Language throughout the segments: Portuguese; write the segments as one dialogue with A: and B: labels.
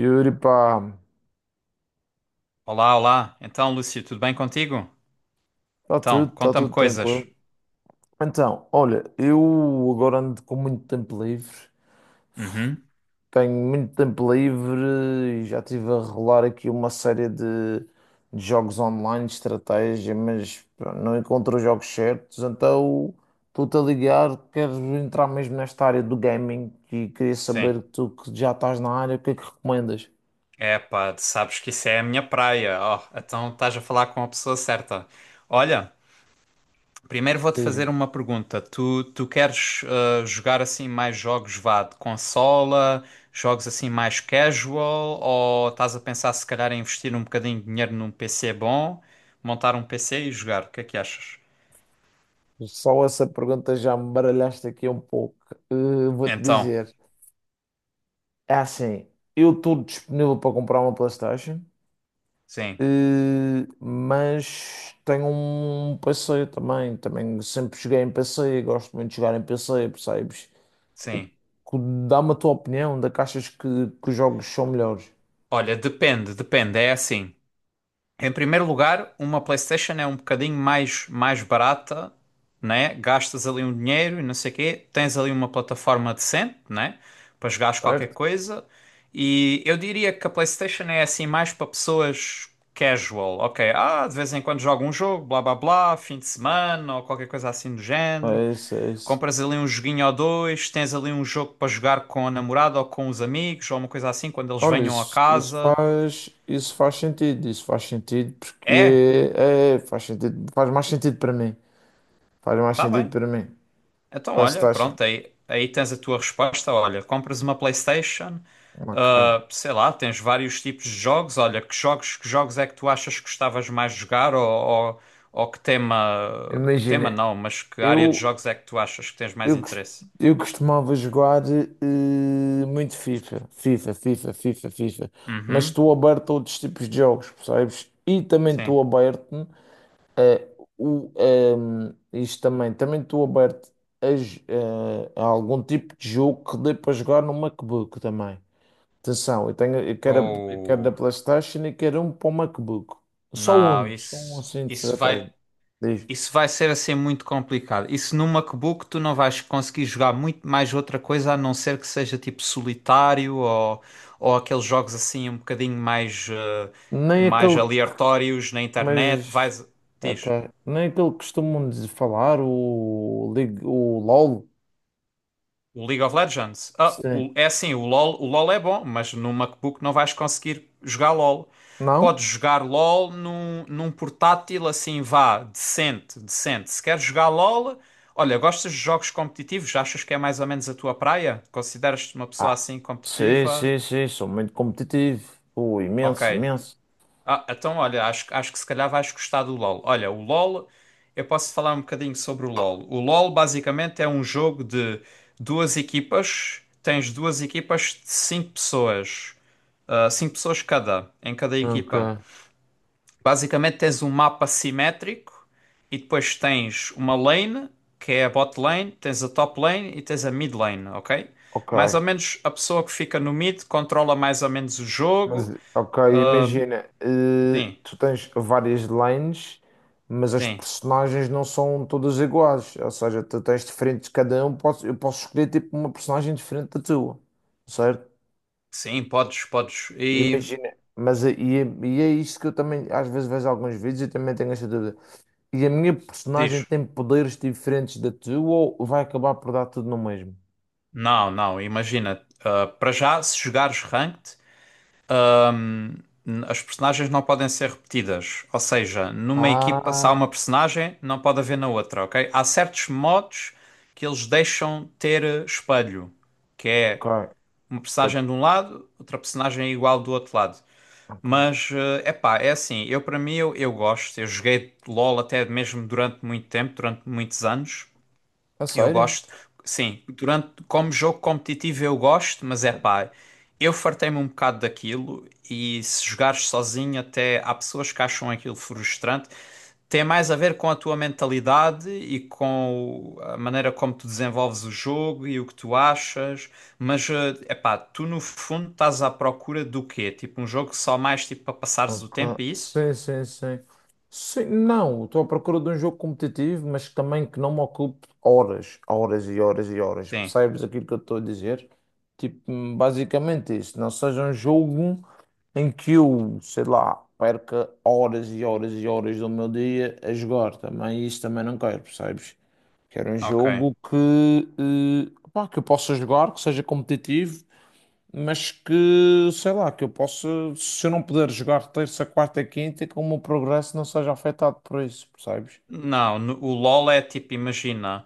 A: Yuri, pá,
B: Olá, olá. Então, Lúcio, tudo bem contigo?
A: está tudo,
B: Então,
A: está
B: conta-me
A: tudo
B: coisas.
A: tranquilo. Então, olha, eu agora ando com muito tempo livre,
B: Uhum,
A: tenho muito tempo livre e já estive a rolar aqui uma série de jogos online, de estratégia, mas pá, não encontro os jogos certos, então estou-te a ligar, quero entrar mesmo nesta área do gaming e queria
B: sim.
A: saber, tu que já estás na área, o que é que recomendas?
B: É pá, sabes que isso é a minha praia. Oh, então estás a falar com a pessoa certa. Olha, primeiro vou-te
A: Diz-me.
B: fazer uma pergunta. Tu queres jogar assim mais jogos, vá, de consola, jogos assim mais casual, ou estás a pensar se calhar em investir um bocadinho de dinheiro num PC bom, montar um PC e jogar? O que é que achas?
A: Só essa pergunta já me baralhaste aqui um pouco. Vou-te
B: Então,
A: dizer. É assim, eu estou disponível para comprar uma PlayStation,
B: sim,
A: mas tenho um PC também. Também sempre joguei em PC, gosto muito de jogar em PC, percebes? O
B: sim.
A: que- Dá-me a tua opinião de que achas que os jogos são melhores,
B: Olha, depende, depende, é assim. Em primeiro lugar, uma PlayStation é um bocadinho mais barata, né? Gastas ali um dinheiro e não sei o quê. Tens ali uma plataforma decente, né? Para jogares qualquer
A: certo?
B: coisa. E eu diria que a PlayStation é assim mais para pessoas casual. Ok, de vez em quando jogo um jogo, blá blá blá, fim de semana ou qualquer coisa assim do género.
A: É isso, é isso.
B: Compras ali um joguinho ou dois, tens ali um jogo para jogar com a namorada ou com os amigos ou uma coisa assim quando eles
A: Olha,
B: venham a
A: isso,
B: casa.
A: isso faz sentido porque
B: É,
A: é, é, faz sentido, faz mais sentido para mim. Faz mais
B: tá
A: sentido
B: bem.
A: para mim.
B: Então, olha,
A: PlayStation,
B: pronto, aí tens a tua resposta. Olha, compras uma PlayStation,
A: ok.
B: sei lá, tens vários tipos de jogos. Olha, que jogos é que tu achas que gostavas mais de jogar? Ou que tema
A: Imagina,
B: não, mas que área de
A: eu.
B: jogos é que tu achas que tens mais
A: Eu, cos-
B: interesse?
A: eu costumava jogar muito FIFA, FIFA, FIFA, FIFA, FIFA, mas
B: Uhum,
A: estou aberto a outros tipos de jogos, percebes? E também estou
B: sim.
A: aberto a isto também, também estou aberto a, j- eh, a algum tipo de jogo que dê para jogar no MacBook também. Atenção, eu tenho, eu quero, a- eu quero da
B: Ou.
A: PlayStation e quero um para o MacBook.
B: Não,
A: Só um assim de estratégia. Diz.
B: Isso vai ser assim muito complicado. Isso no MacBook tu não vais conseguir jogar muito mais outra coisa a não ser que seja tipo solitário ou aqueles jogos assim um bocadinho mais, eh,
A: Nem
B: mais
A: aquele.
B: aleatórios na internet.
A: Mas,
B: Vais. Diz.
A: ok. Nem aquele que costumam falar, o LOL.
B: O League of Legends. Ah,
A: Sim.
B: o- é assim, o LoL é bom, mas no MacBook não vais conseguir jogar LoL.
A: Não?
B: Podes jogar LoL num portátil assim, vá, decente, decente. Se queres jogar LoL, olha, gostas de jogos competitivos? Achas que é mais ou menos a tua praia? Consideras-te uma pessoa
A: Ah,
B: assim
A: sim,
B: competitiva?
A: sim, sim. Sou muito competitivo. Pô,
B: Ok.
A: imenso, imenso.
B: Então, olha, acho que se calhar vais gostar do LoL. Olha, o LoL, eu posso falar um bocadinho sobre o LoL. O LoL basicamente é um jogo de duas equipas, tens duas equipas de cinco pessoas, cinco pessoas cada, em cada
A: Ok.
B: equipa. Basicamente tens um mapa simétrico e depois tens uma lane, que é a bot lane, tens a top lane e tens a mid lane, ok?
A: Ok.
B: Mais ou menos a pessoa que fica no mid controla mais ou menos o
A: Mas,
B: jogo.
A: ok, imagina.
B: Sim,
A: Tu tens várias lanes, mas as
B: sim.
A: personagens não são todas iguais. Ou seja, tu tens diferentes. Cada um, eu posso escolher tipo uma personagem diferente da tua. Certo?
B: Sim, podes.
A: E
B: E
A: imagina, mas é isso que eu também às vezes vejo alguns vídeos e também tenho essa dúvida. E a minha personagem
B: diz:
A: tem poderes diferentes da tua ou vai acabar por dar tudo no mesmo?
B: Não, não, imagina, para já, se jogares ranked, ahm, as personagens não podem ser repetidas. Ou seja, numa equipa, se há
A: Ah,
B: uma personagem, não pode haver na outra, ok? Há certos modos que eles deixam ter espelho, que
A: ok,
B: é uma
A: ok,
B: personagem de um lado, outra personagem é igual do outro lado.
A: ok.
B: Mas, é pá, é assim, eu para mim, eu gosto, eu joguei LOL até mesmo durante muito tempo, durante muitos anos.
A: A
B: Eu
A: sério?
B: gosto, sim, durante, como jogo competitivo eu gosto, mas é pá, eu fartei-me um bocado daquilo e se jogares sozinho até há pessoas que acham aquilo frustrante. Tem mais a ver com a tua mentalidade e a maneira como tu desenvolves o jogo e o que tu achas, mas é pá, tu no fundo estás à procura do quê? Tipo um jogo só mais tipo para passares o
A: Ok.
B: tempo, é isso?
A: Sim, sim, sim. Sim, não, estou à procura de um jogo competitivo, mas também que não me ocupe horas, horas e horas e horas.
B: Sim,
A: Percebes aquilo que eu estou a dizer? Tipo, basicamente isso. Não seja um jogo em que eu, sei lá, perca horas e horas e horas do meu dia a jogar. Também isso também não quero, percebes? Quero um
B: ok.
A: jogo que, pá, que eu possa jogar, que seja competitivo mas que, sei lá, que eu possa, se eu não puder jogar terça, quarta e quinta, que o meu progresso não seja afetado por isso, percebes?
B: Não, o LoL é tipo, imagina,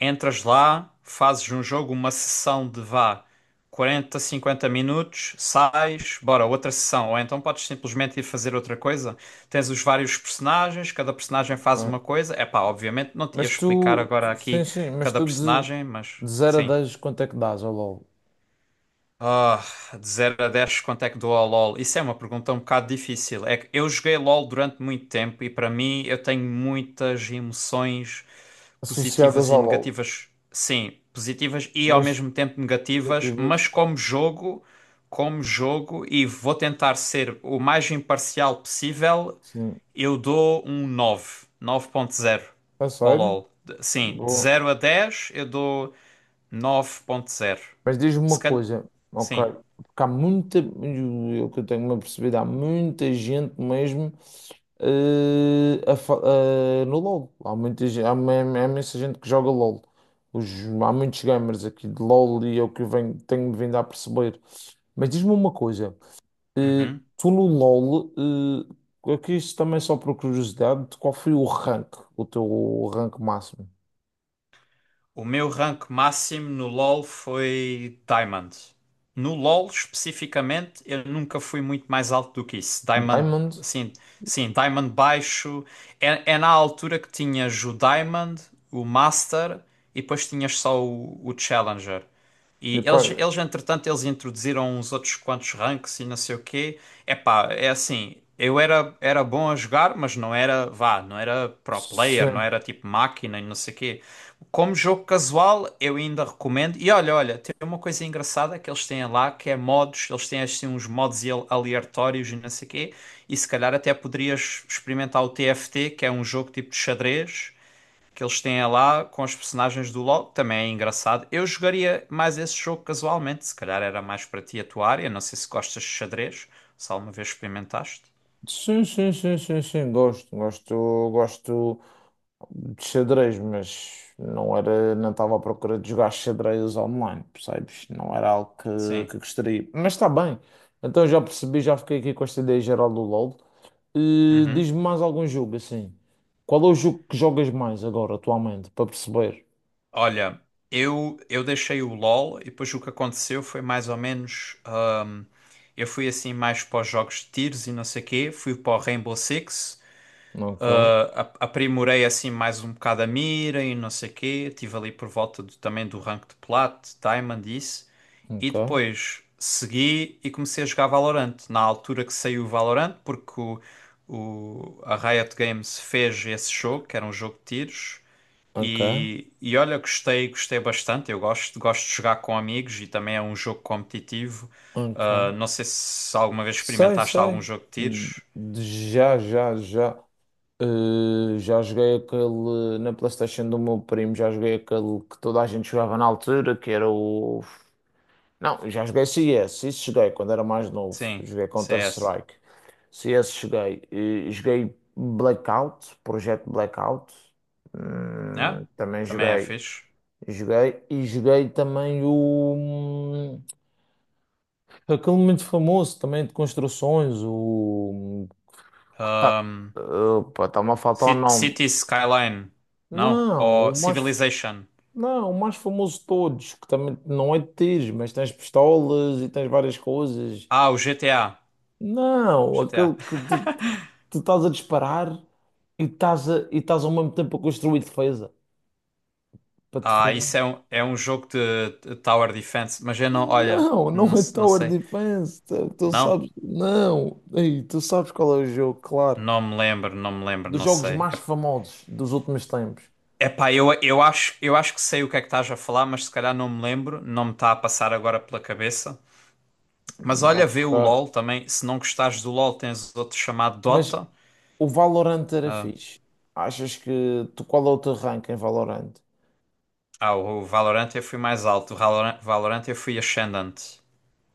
B: entras lá, fazes um jogo, uma sessão de vá 40, 50 minutos, sais, bora, outra sessão. Ou então podes simplesmente ir fazer outra coisa. Tens os vários personagens, cada personagem faz
A: Ok.
B: uma coisa. É pá, obviamente não te ia
A: Mas
B: explicar agora
A: sim,
B: aqui
A: sim, mas
B: cada
A: tu de,
B: personagem, mas
A: de 0 a
B: sim.
A: 10 quanto é que dás ao LOL?
B: Ah, de zero a 10 quanto é que dou ao LoL? Isso é uma pergunta um bocado difícil. É que eu joguei LoL durante muito tempo e para mim eu tenho muitas emoções
A: Associadas
B: positivas e
A: ao LOL,
B: negativas. Sim, positivas e ao
A: mas
B: mesmo tempo negativas,
A: negativas,
B: mas como jogo, e vou tentar ser o mais imparcial possível,
A: sim.
B: eu dou um 9, 9,0
A: A
B: ao
A: sério?
B: LoL. Sim, de
A: Boa.
B: zero a 10 eu dou 9,0.
A: Mas diz-me
B: Se
A: uma
B: calhar.
A: coisa, ok?
B: Sim.
A: Porque há muita, eu que eu tenho-me apercebido, há muita gente mesmo no LoL. Há muita, ge- há uma- há imensa gente que joga LoL. Os, Há muitos gamers aqui de LoL e é o que eu venho, tenho vindo a perceber. Mas diz-me uma coisa,
B: Uhum.
A: tu no LoL, aqui isto também só por curiosidade, qual foi o teu rank máximo?
B: O meu rank máximo no LoL foi Diamond. No LoL especificamente, eu nunca fui muito mais alto do que isso. Diamond,
A: Diamond?
B: assim, sim, Diamond baixo. É na altura que tinhas o Diamond, o Master e depois tinhas só o Challenger. E
A: De qual?
B: entretanto, eles introduziram uns outros quantos ranks e não sei o quê. Epá, é assim, eu era bom a jogar, mas não era, vá, não era pro player, não
A: Sim.
B: era tipo máquina e não sei o quê. Como jogo casual, eu ainda recomendo. E olha, tem uma coisa engraçada que eles têm lá, que é modos, eles têm assim uns modos aleatórios e não sei quê. E se calhar até poderias experimentar o TFT, que é um jogo tipo de xadrez, que eles têm lá com os personagens do LoL, também é engraçado. Eu jogaria mais esse jogo casualmente, se calhar era mais para ti a tua área. Não sei se gostas de xadrez, se alguma vez experimentaste.
A: Sim, sim, sim, sim, sim, gosto, gosto, gosto de xadrez, mas não era, não estava à procura de jogar xadrez online, percebes? Não era algo que,
B: Sim.
A: que gostaria, mas está bem, então já percebi, já fiquei aqui com esta ideia geral do LOL.
B: Uhum.
A: Diz-me mais algum jogo, assim, qual é o jogo que jogas mais agora, atualmente, para perceber?
B: Olha, eu deixei o LOL e depois o que aconteceu foi mais ou menos. hum, eu fui assim mais para os jogos de tiros e não sei o quê, fui para o Rainbow Six.
A: Ok,
B: Aprimorei assim mais um bocado a mira e não sei o quê. Estive ali por volta também do rank de Plat, Diamond, isso. E
A: ok,
B: depois segui e comecei a jogar Valorant. Na altura que saiu o Valorant, porque a Riot Games fez esse jogo, que era um jogo de tiros.
A: ok,
B: E olha, gostei, gostei bastante. Eu gosto, gosto de jogar com amigos e também é um jogo competitivo.
A: ok,
B: Ah, não sei se alguma vez
A: sei,
B: experimentaste algum
A: sei,
B: jogo de tiros.
A: De- já, já, já. Já joguei aquele na PlayStation do meu primo, já joguei aquele que toda a gente jogava na altura, que era o. Não, já joguei CS, isso joguei quando era mais novo.
B: Sim,
A: Joguei
B: CS.
A: Counter-Strike. CS joguei. Joguei Blackout, Projeto Blackout.
B: É,
A: Também
B: também é
A: joguei.
B: fixe.
A: Joguei e joguei também o. Aquele muito famoso também de construções, o. Que tá-
B: Ahm,
A: Opa, está-me a faltar o nome.
B: City Skyline, não?
A: Não,
B: Ou
A: o mais.
B: Civilization.
A: Não, o mais famoso de todos, que também não é de tiros, mas tens pistolas e tens várias coisas.
B: Ah, o GTA.
A: Não, aquele
B: GTA.
A: que tu, tu estás a disparar e estás, a, e estás ao mesmo tempo a construir defesa para te
B: Ah,
A: defender.
B: isso é um jogo de Tower Defense, mas eu não, olha,
A: Não, não
B: não,
A: é
B: não
A: Tower
B: sei.
A: Defense. Tu, tu
B: Não?
A: sabes, não. Ei, tu sabes qual é o jogo, claro.
B: Não me lembro, não me lembro,
A: Dos
B: não
A: jogos
B: sei.
A: mais famosos dos últimos tempos.
B: É, epá, eu acho que sei o que é que estás a falar, mas se calhar não me lembro, não me está a passar agora pela cabeça. Mas olha, vê o
A: Ok.
B: LOL também. Se não gostares do LOL, tens outro chamado
A: Mas
B: Dota.
A: o Valorant era
B: Ah,
A: fixe. Achas que tu qual é o teu rank em Valorant?
B: O Valorant eu fui mais alto. O Valorant eu fui Ascendant.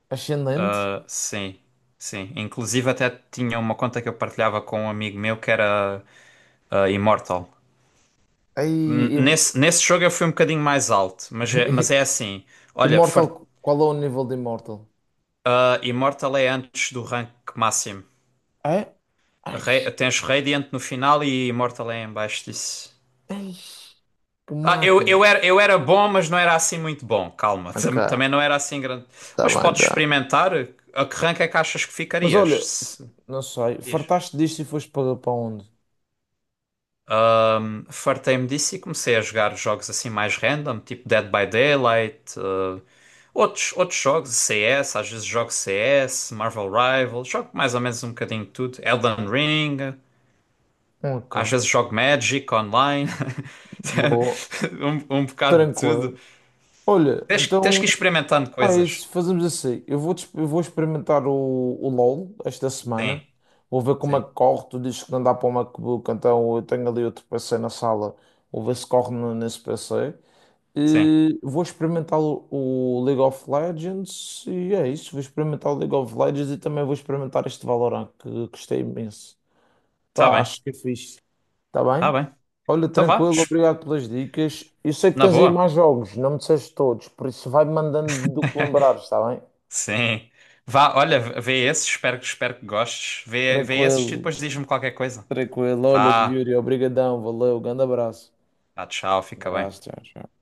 A: Ascendente?
B: Ah, sim, sim. Inclusive até tinha uma conta que eu partilhava com um amigo meu que era Immortal.
A: Aí,
B: Nesse jogo eu fui um bocadinho mais alto, mas é
A: im-
B: assim. Olha,
A: Immortal, qual é o nível de Immortal?
B: Immortal é antes do rank máximo.
A: É? Ai,
B: Tens Radiant no final e Immortal é em baixo disso.
A: ai, que
B: Ah, eu,
A: máquina.
B: eu era, eu era bom, mas não era assim muito bom. Calma,
A: Ok,
B: também não era assim grande.
A: tá
B: Mas
A: bem,
B: podes
A: já.
B: experimentar. A que rank é que achas que
A: Mas
B: ficarias?
A: olha, não sei,
B: Diz.
A: fartaste disto e foste para, para onde?
B: Fartei-me disso e comecei a jogar jogos assim mais random, tipo Dead by Daylight, outros jogos, CS, às vezes jogo CS, Marvel Rivals, jogo mais ou menos um bocadinho de tudo, Elden Ring, às
A: Ok,
B: vezes jogo Magic online,
A: boa,
B: um bocado de tudo.
A: tranquilo. Olha,
B: Tens, tens
A: então,
B: que ir experimentando
A: ah, é
B: coisas.
A: isso, fazemos assim. Eu vou experimentar o LOL esta
B: Sim.
A: semana. Vou ver como é
B: Sim,
A: que corre. Tu dizes que não dá para o MacBook, então eu tenho ali outro PC na sala. Vou ver se corre nesse PC.
B: sim.
A: Vou experimentar o League of Legends e é isso. Vou experimentar o League of Legends e também vou experimentar este Valorant que gostei imenso.
B: Tá
A: Pá,
B: bem,
A: acho que é fixe. Está
B: tá
A: bem?
B: bem.
A: Olha,
B: Então vá,
A: tranquilo, obrigado pelas dicas. Eu sei que
B: na
A: tens aí
B: boa.
A: mais jogos, não me disseste todos, por isso vai-me mandando do que lembrares, está bem?
B: Sim. Vá, olha, vê esse, espero que gostes. Vê esse e
A: Tranquilo,
B: depois diz-me qualquer coisa.
A: tranquilo. Olha,
B: Vá,
A: Yuri, obrigadão, valeu, grande abraço.
B: vá, tchau, fica bem.
A: Abraço, tchau, tchau.